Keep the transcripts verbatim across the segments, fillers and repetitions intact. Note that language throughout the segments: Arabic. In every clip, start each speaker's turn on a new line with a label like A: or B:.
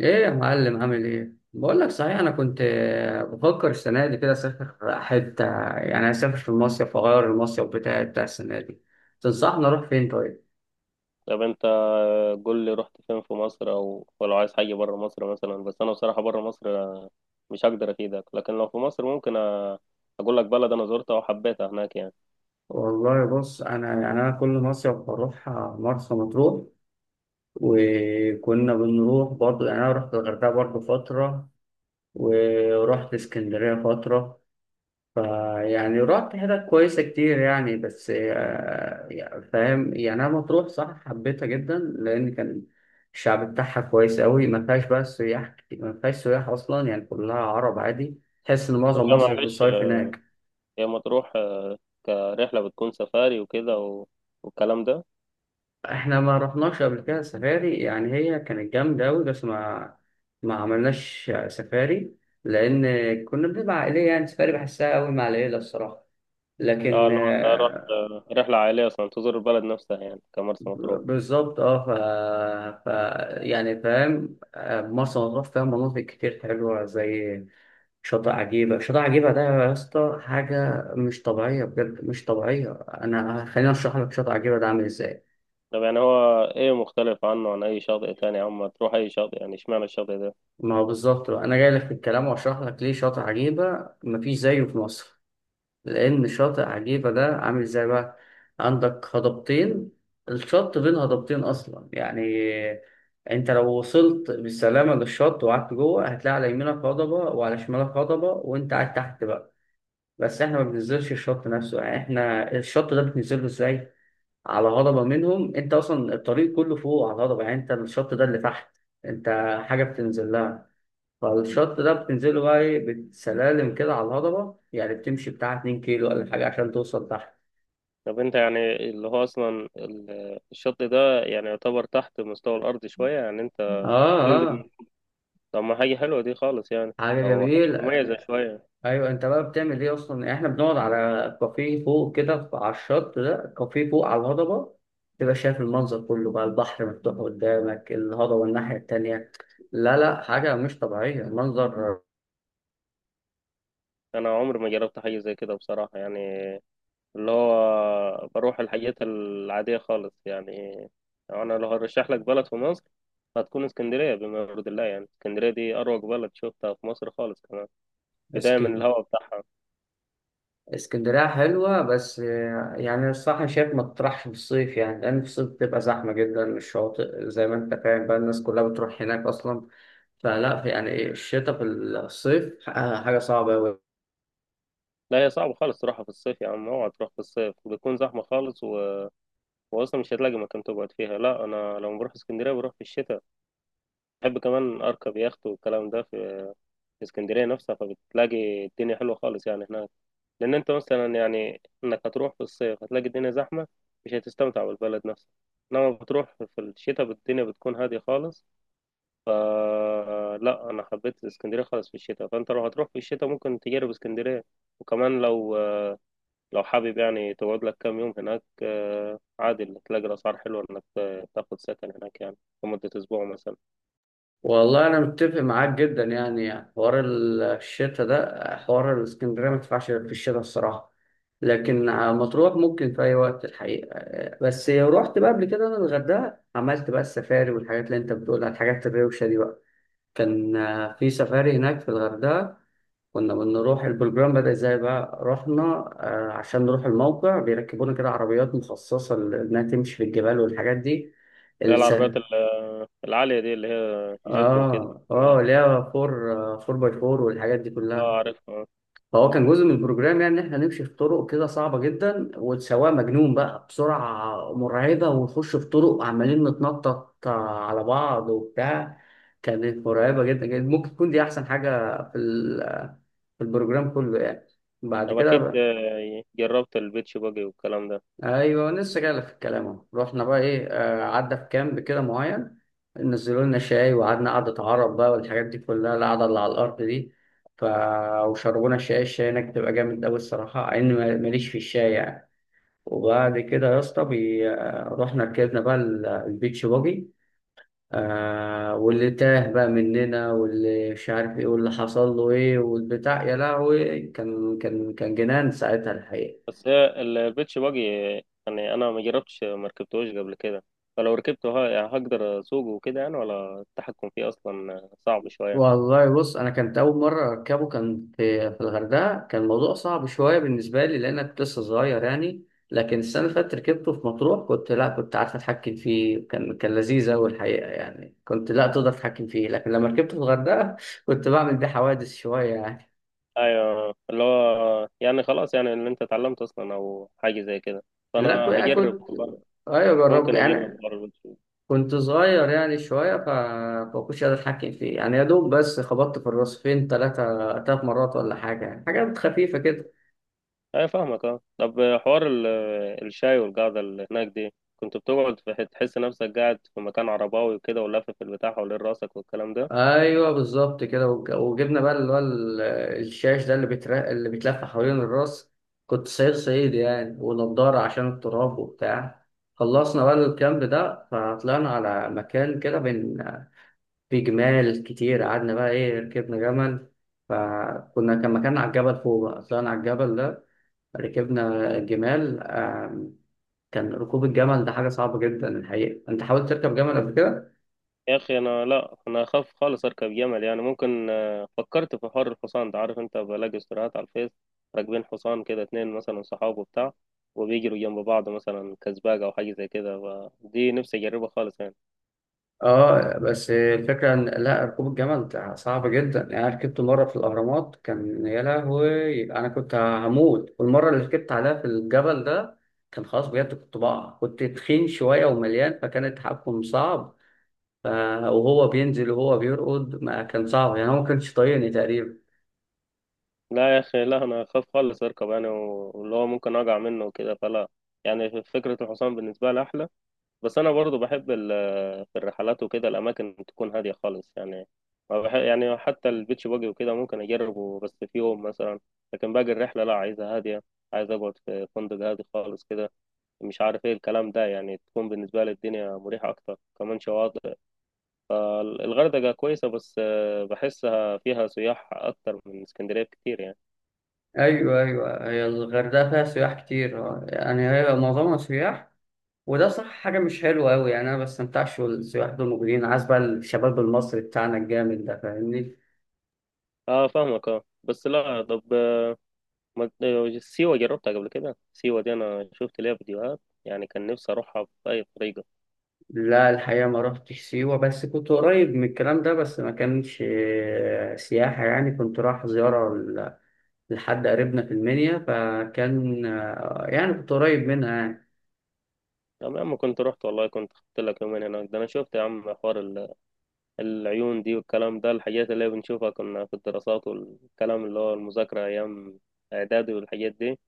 A: ايه يا معلم؟ عامل ايه؟ بقول لك صحيح، انا كنت آه، بفكر السنه دي كده اسافر حته، يعني اسافر في المصيف واغير المصيف بتاعي بتاع السنه دي. تنصحني اروح فين طيب؟
B: طب انت قول لي رحت فين في مصر، او ولو عايز حاجه بره مصر مثلا. بس انا بصراحه بره مصر مش هقدر افيدك، لكن لو في مصر ممكن أ- اقول لك بلد انا زرتها وحبيتها هناك يعني.
A: والله بص، انا يعني انا كل مصيف بروح آه، مرسى مطروح، وكنا بنروح برضو. يعني انا رحت الغردقه برضو فتره، ورحت اسكندريه فتره. فيعني رحت حتت كويسة كتير يعني، بس آه، يعني فاهم، يعني أنا مطروح صح حبيتها جدا، لأن كان الشعب بتاعها كويس أوي، ما فيهاش بقى سياح كتير، ما فيهاش سياح أصلا، يعني كلها عرب عادي. تحس إن
B: طب
A: معظم
B: يا
A: مصر
B: معلش،
A: بتصيف هناك.
B: هي مطروح آه، كرحله بتكون سفاري وكده و... والكلام ده.
A: إحنا ما رحناش قبل كده سفاري، يعني هي كانت جامدة أوي، بس ما ما عملناش سفاري، لأن كنا بنبقى عائلية، يعني سفاري بحسها أوي مع العيلة الصراحة.
B: اه
A: لكن
B: لو انت رحت
A: آه،
B: آه، رحله عائليه اصلا تزور البلد نفسها، يعني كمرسى مطروح.
A: بالظبط اه. ف... ف... يعني فاهم، آه، مرسى مطروح فيها مناطق كتير حلوة، زي شاطئ عجيبة. شاطئ عجيبة ده يا اسطى حاجة مش طبيعية، بجد مش طبيعية. أنا خليني أشرح لك شاطئ عجيبة ده عامل إزاي.
B: طب يعني هو ايه مختلف عنه، عن اي شاطئ تاني يا عم؟ تروح اي شاطئ يعني، اشمعنى الشاطئ ده؟
A: ما هو بالظبط بقى، أنا جاي لك في الكلام وأشرح لك ليه شاطئ عجيبة مفيش زيه في مصر. لأن شاطئ عجيبة ده عامل ازاي بقى؟ عندك هضبتين، الشط بين هضبتين أصلا، يعني أنت لو وصلت بالسلامة للشط وقعدت جوه، هتلاقي على يمينك هضبة وعلى شمالك هضبة، وأنت قاعد تحت بقى. بس إحنا ما بننزلش الشط نفسه، يعني إحنا الشط ده بتنزله ازاي؟ على هضبة منهم. أنت أصلا الطريق كله فوق على الهضبة، يعني أنت الشط ده اللي تحت، أنت حاجة بتنزل لها. فالشط ده بتنزله بقى ايه، بسلالم كده على الهضبة، يعني بتمشي بتاع اتنين كيلو ولا حاجة عشان توصل تحت.
B: طب انت يعني اللي هو اصلا ال- الشط ده يعني يعتبر تحت مستوى الارض شويه يعني، انت
A: اه اه.
B: تنزل. طب ما حاجه حلوه دي خالص يعني،
A: حاجة
B: او
A: جميلة.
B: حاجه مميزه شويه.
A: ايوه، انت بقى بتعمل ايه اصلا؟ يعني احنا بنقعد على كافيه فوق كده، ف- على الشط ده كافيه فوق على الهضبة، تبقى شايف المنظر كله بقى، البحر مفتوح قدامك، الهضبة الناحية التانية. لا لا، حاجة مش طبيعية منظر.
B: انا عمري ما جربت حاجه زي كده بصراحه يعني، اللي هو بروح الحاجات العاديه خالص يعني. انا لو هرشح لك بلد في مصر هتكون اسكندريه، بما يرضي الله. يعني اسكندريه دي اروق بلد شفتها في مصر خالص، كمان بدايه من
A: اسكن
B: الهواء بتاعها.
A: اسكندرية حلوة، بس آه، يعني الصراحة أنا شايف ما تطرحش في الصيف، يعني لأن في الصيف بتبقى زحمة جدا، الشواطئ زي ما أنت فاهم بقى، الناس كلها بتروح هناك أصلا. فلا، في يعني إيه، الشتاء في الصيف آه، حاجة صعبة أوي.
B: لا هي صعبه خالص تروحها في الصيف يا عم، اوعى تروح في الصيف، بتكون زحمه خالص. هو اصلا مش هتلاقي مكان تقعد فيها. لا انا لما بروح اسكندريه بروح في الشتاء. بحب كمان اركب يخت والكلام ده في في اسكندريه نفسها، فبتلاقي الدنيا حلوه خالص يعني هناك. لان انت مثلا يعني انك هتروح في الصيف هتلاقي الدنيا زحمه، مش هتستمتع بالبلد نفسها. انما بتروح في الشتاء الدنيا بتكون هاديه خالص. ف لا انا حبيت اسكندريه خالص في الشتاء، فانت لو هتروح في الشتاء ممكن تجرب اسكندريه. وكمان لو لو حابب يعني تقعد لك كام يوم هناك آه، عادي اللي تلاقي الأسعار حلوة إنك آه، تاخد سكن هناك يعني لمدة أسبوع مثلا.
A: والله أنا متفق معاك جدا، يعني, يعني حوار ال- الشتاء ده، آه، حوار الاسكندرية ما ينفعش في الشتاء الصراحة. لكن آه، مطروح ممكن في أي وقت الحقيقة. آه، بس رحت بقى قبل كده أنا الغردقة، عملت بقى السفاري والحاجات اللي أنت بتقولها، الحاجات الروشة دي بقى. كان آه، في سفاري هناك في الغردقة. كنا بنروح، البروجرام بدأ ازاي بقى، رحنا آه، عشان نروح الموقع، بيركبونا كده عربيات مخصصة إنها تمشي في الجبال والحاجات دي.
B: لا
A: الس...
B: العربيات ال- آه، العالية دي اللي هي جيب وكده.
A: اه اه،
B: ده.
A: اللي هي فور آه، فور باي فور والحاجات دي
B: اه
A: كلها.
B: عارفها.
A: فهو كان جزء من البروجرام، يعني إن احنا نمشي في طرق كده صعبة جدا، والسواق مجنون بقى بسرعة مرعبة، ونخش في طرق عمالين نتنطط آه، على بعض وبتاع. كانت مرعبة جدا جدا، ممكن تكون دي أحسن حاجة في في البروجرام كله يعني. بعد
B: طب
A: كده
B: أكيد
A: بقى،
B: آه، جربت البيتش باجي والكلام ده.
A: ايوه لسه جاي في الكلام اهو، رحنا بقى ايه، آه، عدى في كامب كده معين، نزلوا لنا شاي وقعدنا قعدة عرب بقى والحاجات دي كلها، القعدة اللي على الأرض دي. ف... وشربونا شاي، الشاي هناك بتبقى جامد أوي الصراحة، مع إني ما- ماليش في الشاي يعني. وبعد كده يا اسطى بي... آه، رحنا ركبنا بقى ال- البيتش باجي. آه، واللي تاه بقى مننا واللي مش عارف ايه واللي حصل له ايه والبتاع، يا لهوي، كان كان كان جنان ساعتها الحقيقة.
B: بس هي البيتش باجي يعني أنا ما جربتش، ما ركبتهوش قبل كده، فلو ركبته ه- يعني هقدر أسوقه وكده يعني، ولا التحكم فيه أصلا صعب شوية؟
A: والله بص، انا كانت اول مره اركبه كان في في الغردقه، كان الموضوع صعب شويه بالنسبه لي، لان أنا كنت لسه صغير يعني. لكن السنه اللي فاتت ركبته في مطروح، كنت لا، كنت عارف اتحكم فيه، كان كان لذيذ قوي الحقيقه، يعني كنت لا تقدر تتحكم فيه. لكن لما ركبته في الغردقه كنت بعمل بيه حوادث شويه يعني.
B: ايوه اللي هو يعني خلاص، يعني اللي انت اتعلمته اصلا او حاجه زي كده.
A: لا كو-
B: فانا
A: يعني
B: هجرب
A: كنت
B: والله،
A: ايوه جربت
B: ممكن اجرب
A: يعني.
B: حوار الويب.
A: كنت صغير يعني شويه ف... فما كنتش قادر اتحكم فيه يعني، يا دوب بس خبطت في الراس فين ثلاثه ثلاث مرات ولا حاجه يعني، حاجات خفيفه كده.
B: ايوه فاهمك اه. طب حوار ال- الشاي والقعده اللي هناك دي، كنت بتقعد في- حت- تحس نفسك قاعد في مكان عرباوي وكده، ولافف البتاع حوالين راسك والكلام ده.
A: ايوه بالظبط كده، وج- وجبنا بقى اللي هو ال- الشاش ده اللي بيتر... اللي بيتلف حوالين الراس، كنت صعيد صعيد يعني، ونضاره عشان التراب وبتاع. خلصنا بقى الكامب ده، فطلعنا على مكان كده بين، في جمال كتير، قعدنا بقى ايه، ركبنا جمل. فكنا، كان مكان على الجبل فوق بقى، طلعنا على الجبل ده، ركبنا جمال. آم، كان ركوب الجمل ده حاجة صعبة جدا الحقيقة. انت حاولت تركب جمل قبل كده؟
B: يا اخي انا لا، انا اخاف خالص اركب جمل يعني. ممكن آه، فكرت في حوار الحصان ده، عارف انت بلاقي استوريات على الفيس راكبين حصان كده اتنين مثلا صحاب وبتاع، وبيجروا جنب بعض مثلا كسباق او حاجه زي كده، ف- دي نفسي اجربها خالص يعني.
A: اه، بس الفكرة ان لا، ركوب الجمل ده صعب جدا يعني. انا ركبته مرة في الاهرامات، كان يا لهوي، انا كنت هموت. والمرة اللي ركبت عليها في الجبل ده كان خلاص بجد، كنت بقع، كنت تخين شوية ومليان، فكان التحكم صعب. ف... وهو بينزل وهو بيرقد، ما كان صعب، يعني هو ما كانش طايقني تقريبا.
B: لا يا اخي، لا انا اخاف خالص اركب يعني، و- واللي هو ممكن اقع منه وكده، فلا. يعني فكره الحصان بالنسبه لي احلى. بس انا برضو بحب في الرحلات وكده الأماكن تكون هادية خالص يعني. ما بح- يعني حتى البيتش باجي وكده ممكن أجربه بس في يوم مثلا، لكن باقي الرحلة لا، عايزة هادية. عايز أقعد في فندق هادي خالص كده، مش عارف إيه الكلام ده، يعني تكون بالنسبة لي الدنيا مريحة أكتر. كمان شواطئ الغردقة كويسة، بس آه، بحسها فيها سياح أكتر من اسكندرية كتير يعني.
A: ايوه ايوه، هي الغردقة فيها سياح كتير، آه، يعني هي معظمها سياح، وده صح حاجة مش حلوة أوي يعني، أنا ما بستمتعش والسياح دول موجودين، عايز بقى الشباب المصري بتاعنا الجامد ده فاهمني.
B: اه فاهمك اه، بس لا. طب آه، ما- آه، سيوة جربتها قبل كده؟ سيوة دي أنا شفت ليها فيديوهات، يعني كان نفسي أروحها بأي طريقة.
A: لا الحقيقة ما رحتش سيوة، بس كنت قريب من الكلام ده، بس ما كانش آه، سياحة يعني، كنت رايح زيارة ل- لحد قريبنا في المنيا، فكان آه، يعني كنت قريب منها يعني.
B: طب يا عم كنت رحت والله، كنت خدت لك يومين هناك. ده انا شفت يا عم حوار ال- العيون دي والكلام ده، الحاجات اللي بنشوفها كنا في الدراسات والكلام، اللي هو المذاكرة ايام اعدادي والحاجات دي.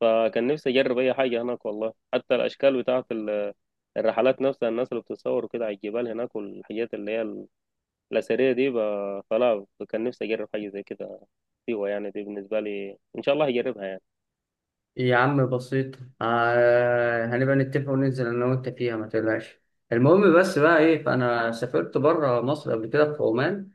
B: فكان نفسي اجرب اي حاجة هناك والله، حتى الاشكال بتاعة ال- الرحلات نفسها، الناس اللي بتصور كده على الجبال هناك، والحاجات اللي هي ال- الاثرية دي. ب- فلا، كان نفسي اجرب حاجة زي كده. سيوة يعني دي بالنسبة لي ان شاء الله هجربها يعني.
A: يا عم بسيط، آه، هنبقى نتفق وننزل أنا وأنت فيها ما تقلقش. المهم بس بقى إيه، فأنا سافرت بره مصر قبل كده في عمان.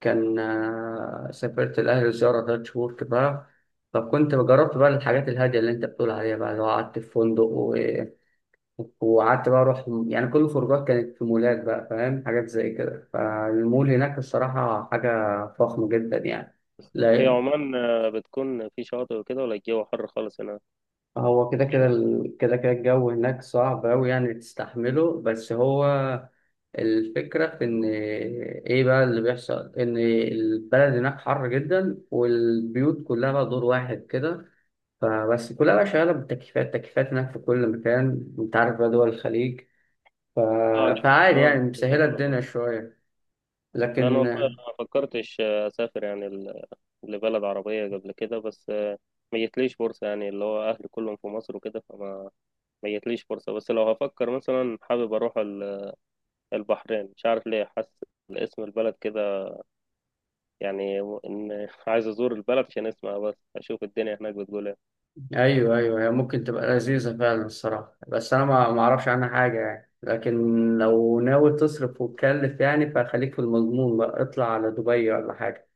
A: كان آه، سافرت الأهل زيارة تلات شهور كده، فكنت جربت بقى الحاجات الهادية اللي أنت بتقول عليها بقى، اللي هو قعدت في فندق و... وقعدت بقى أروح، يعني كل الخروجات كانت في مولات بقى، فاهم حاجات زي كده، فالمول هناك الصراحة حاجة فخمة جدا يعني.
B: هي
A: لا،
B: عمان آه، بتكون في شاطئ وكده، ولا الجو حر خالص هناك؟
A: هو كده كده ال- كده كده الجو هناك صعب أوي يعني تستحمله، بس هو الفكرة في إن إيه بقى اللي بيحصل، إن البلد هناك حر جدا، والبيوت كلها بقى دور واحد كده، فبس كلها بقى شغالة بالتكييفات، تكييفات هناك في كل مكان، أنت عارف بقى دول الخليج. ف...
B: اه لا.
A: فعادي يعني،
B: اه بالظبط
A: مسهلة
B: على طول.
A: الدنيا شوية.
B: لا انا
A: لكن
B: والله ما فكرتش آه، اسافر يعني ل- لبلد عربيه قبل كده، بس آه، ما جتليش فرصه يعني، اللي هو اهلي كلهم في مصر وكده، فما ما جتليش فرصه. بس لو هفكر مثلا حابب اروح ال- البحرين، مش عارف ليه حاسس اسم البلد كده يعني، و- ان عايز ازور البلد عشان اسمها بس، اشوف الدنيا هناك بتقول ايه.
A: ايوه ايوه، هي ممكن تبقى لذيذه فعلا الصراحه، بس انا ما ما اعرفش عنها حاجه يعني، لكن لو ناوي تصرف وتكلف يعني، فخليك في المضمون بقى، اطلع على دبي ولا حاجه.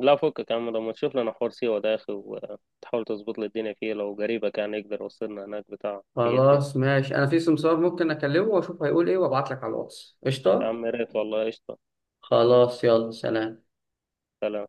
B: لا فكك يا عم، لما تشوف لنا حوار سيوه ده يا اخي، وتحاول تظبط لي الدنيا فيه لو قريبك يعني يقدر يوصلنا هناك بتاع. هي دي.
A: خلاص ماشي، انا في سمسار ممكن اكلمه واشوف هيقول ايه، وابعت لك على الواتس
B: يا
A: قشطه.
B: عم يا ريت والله، قشطه.
A: خلاص، يلا سلام.
B: سلام.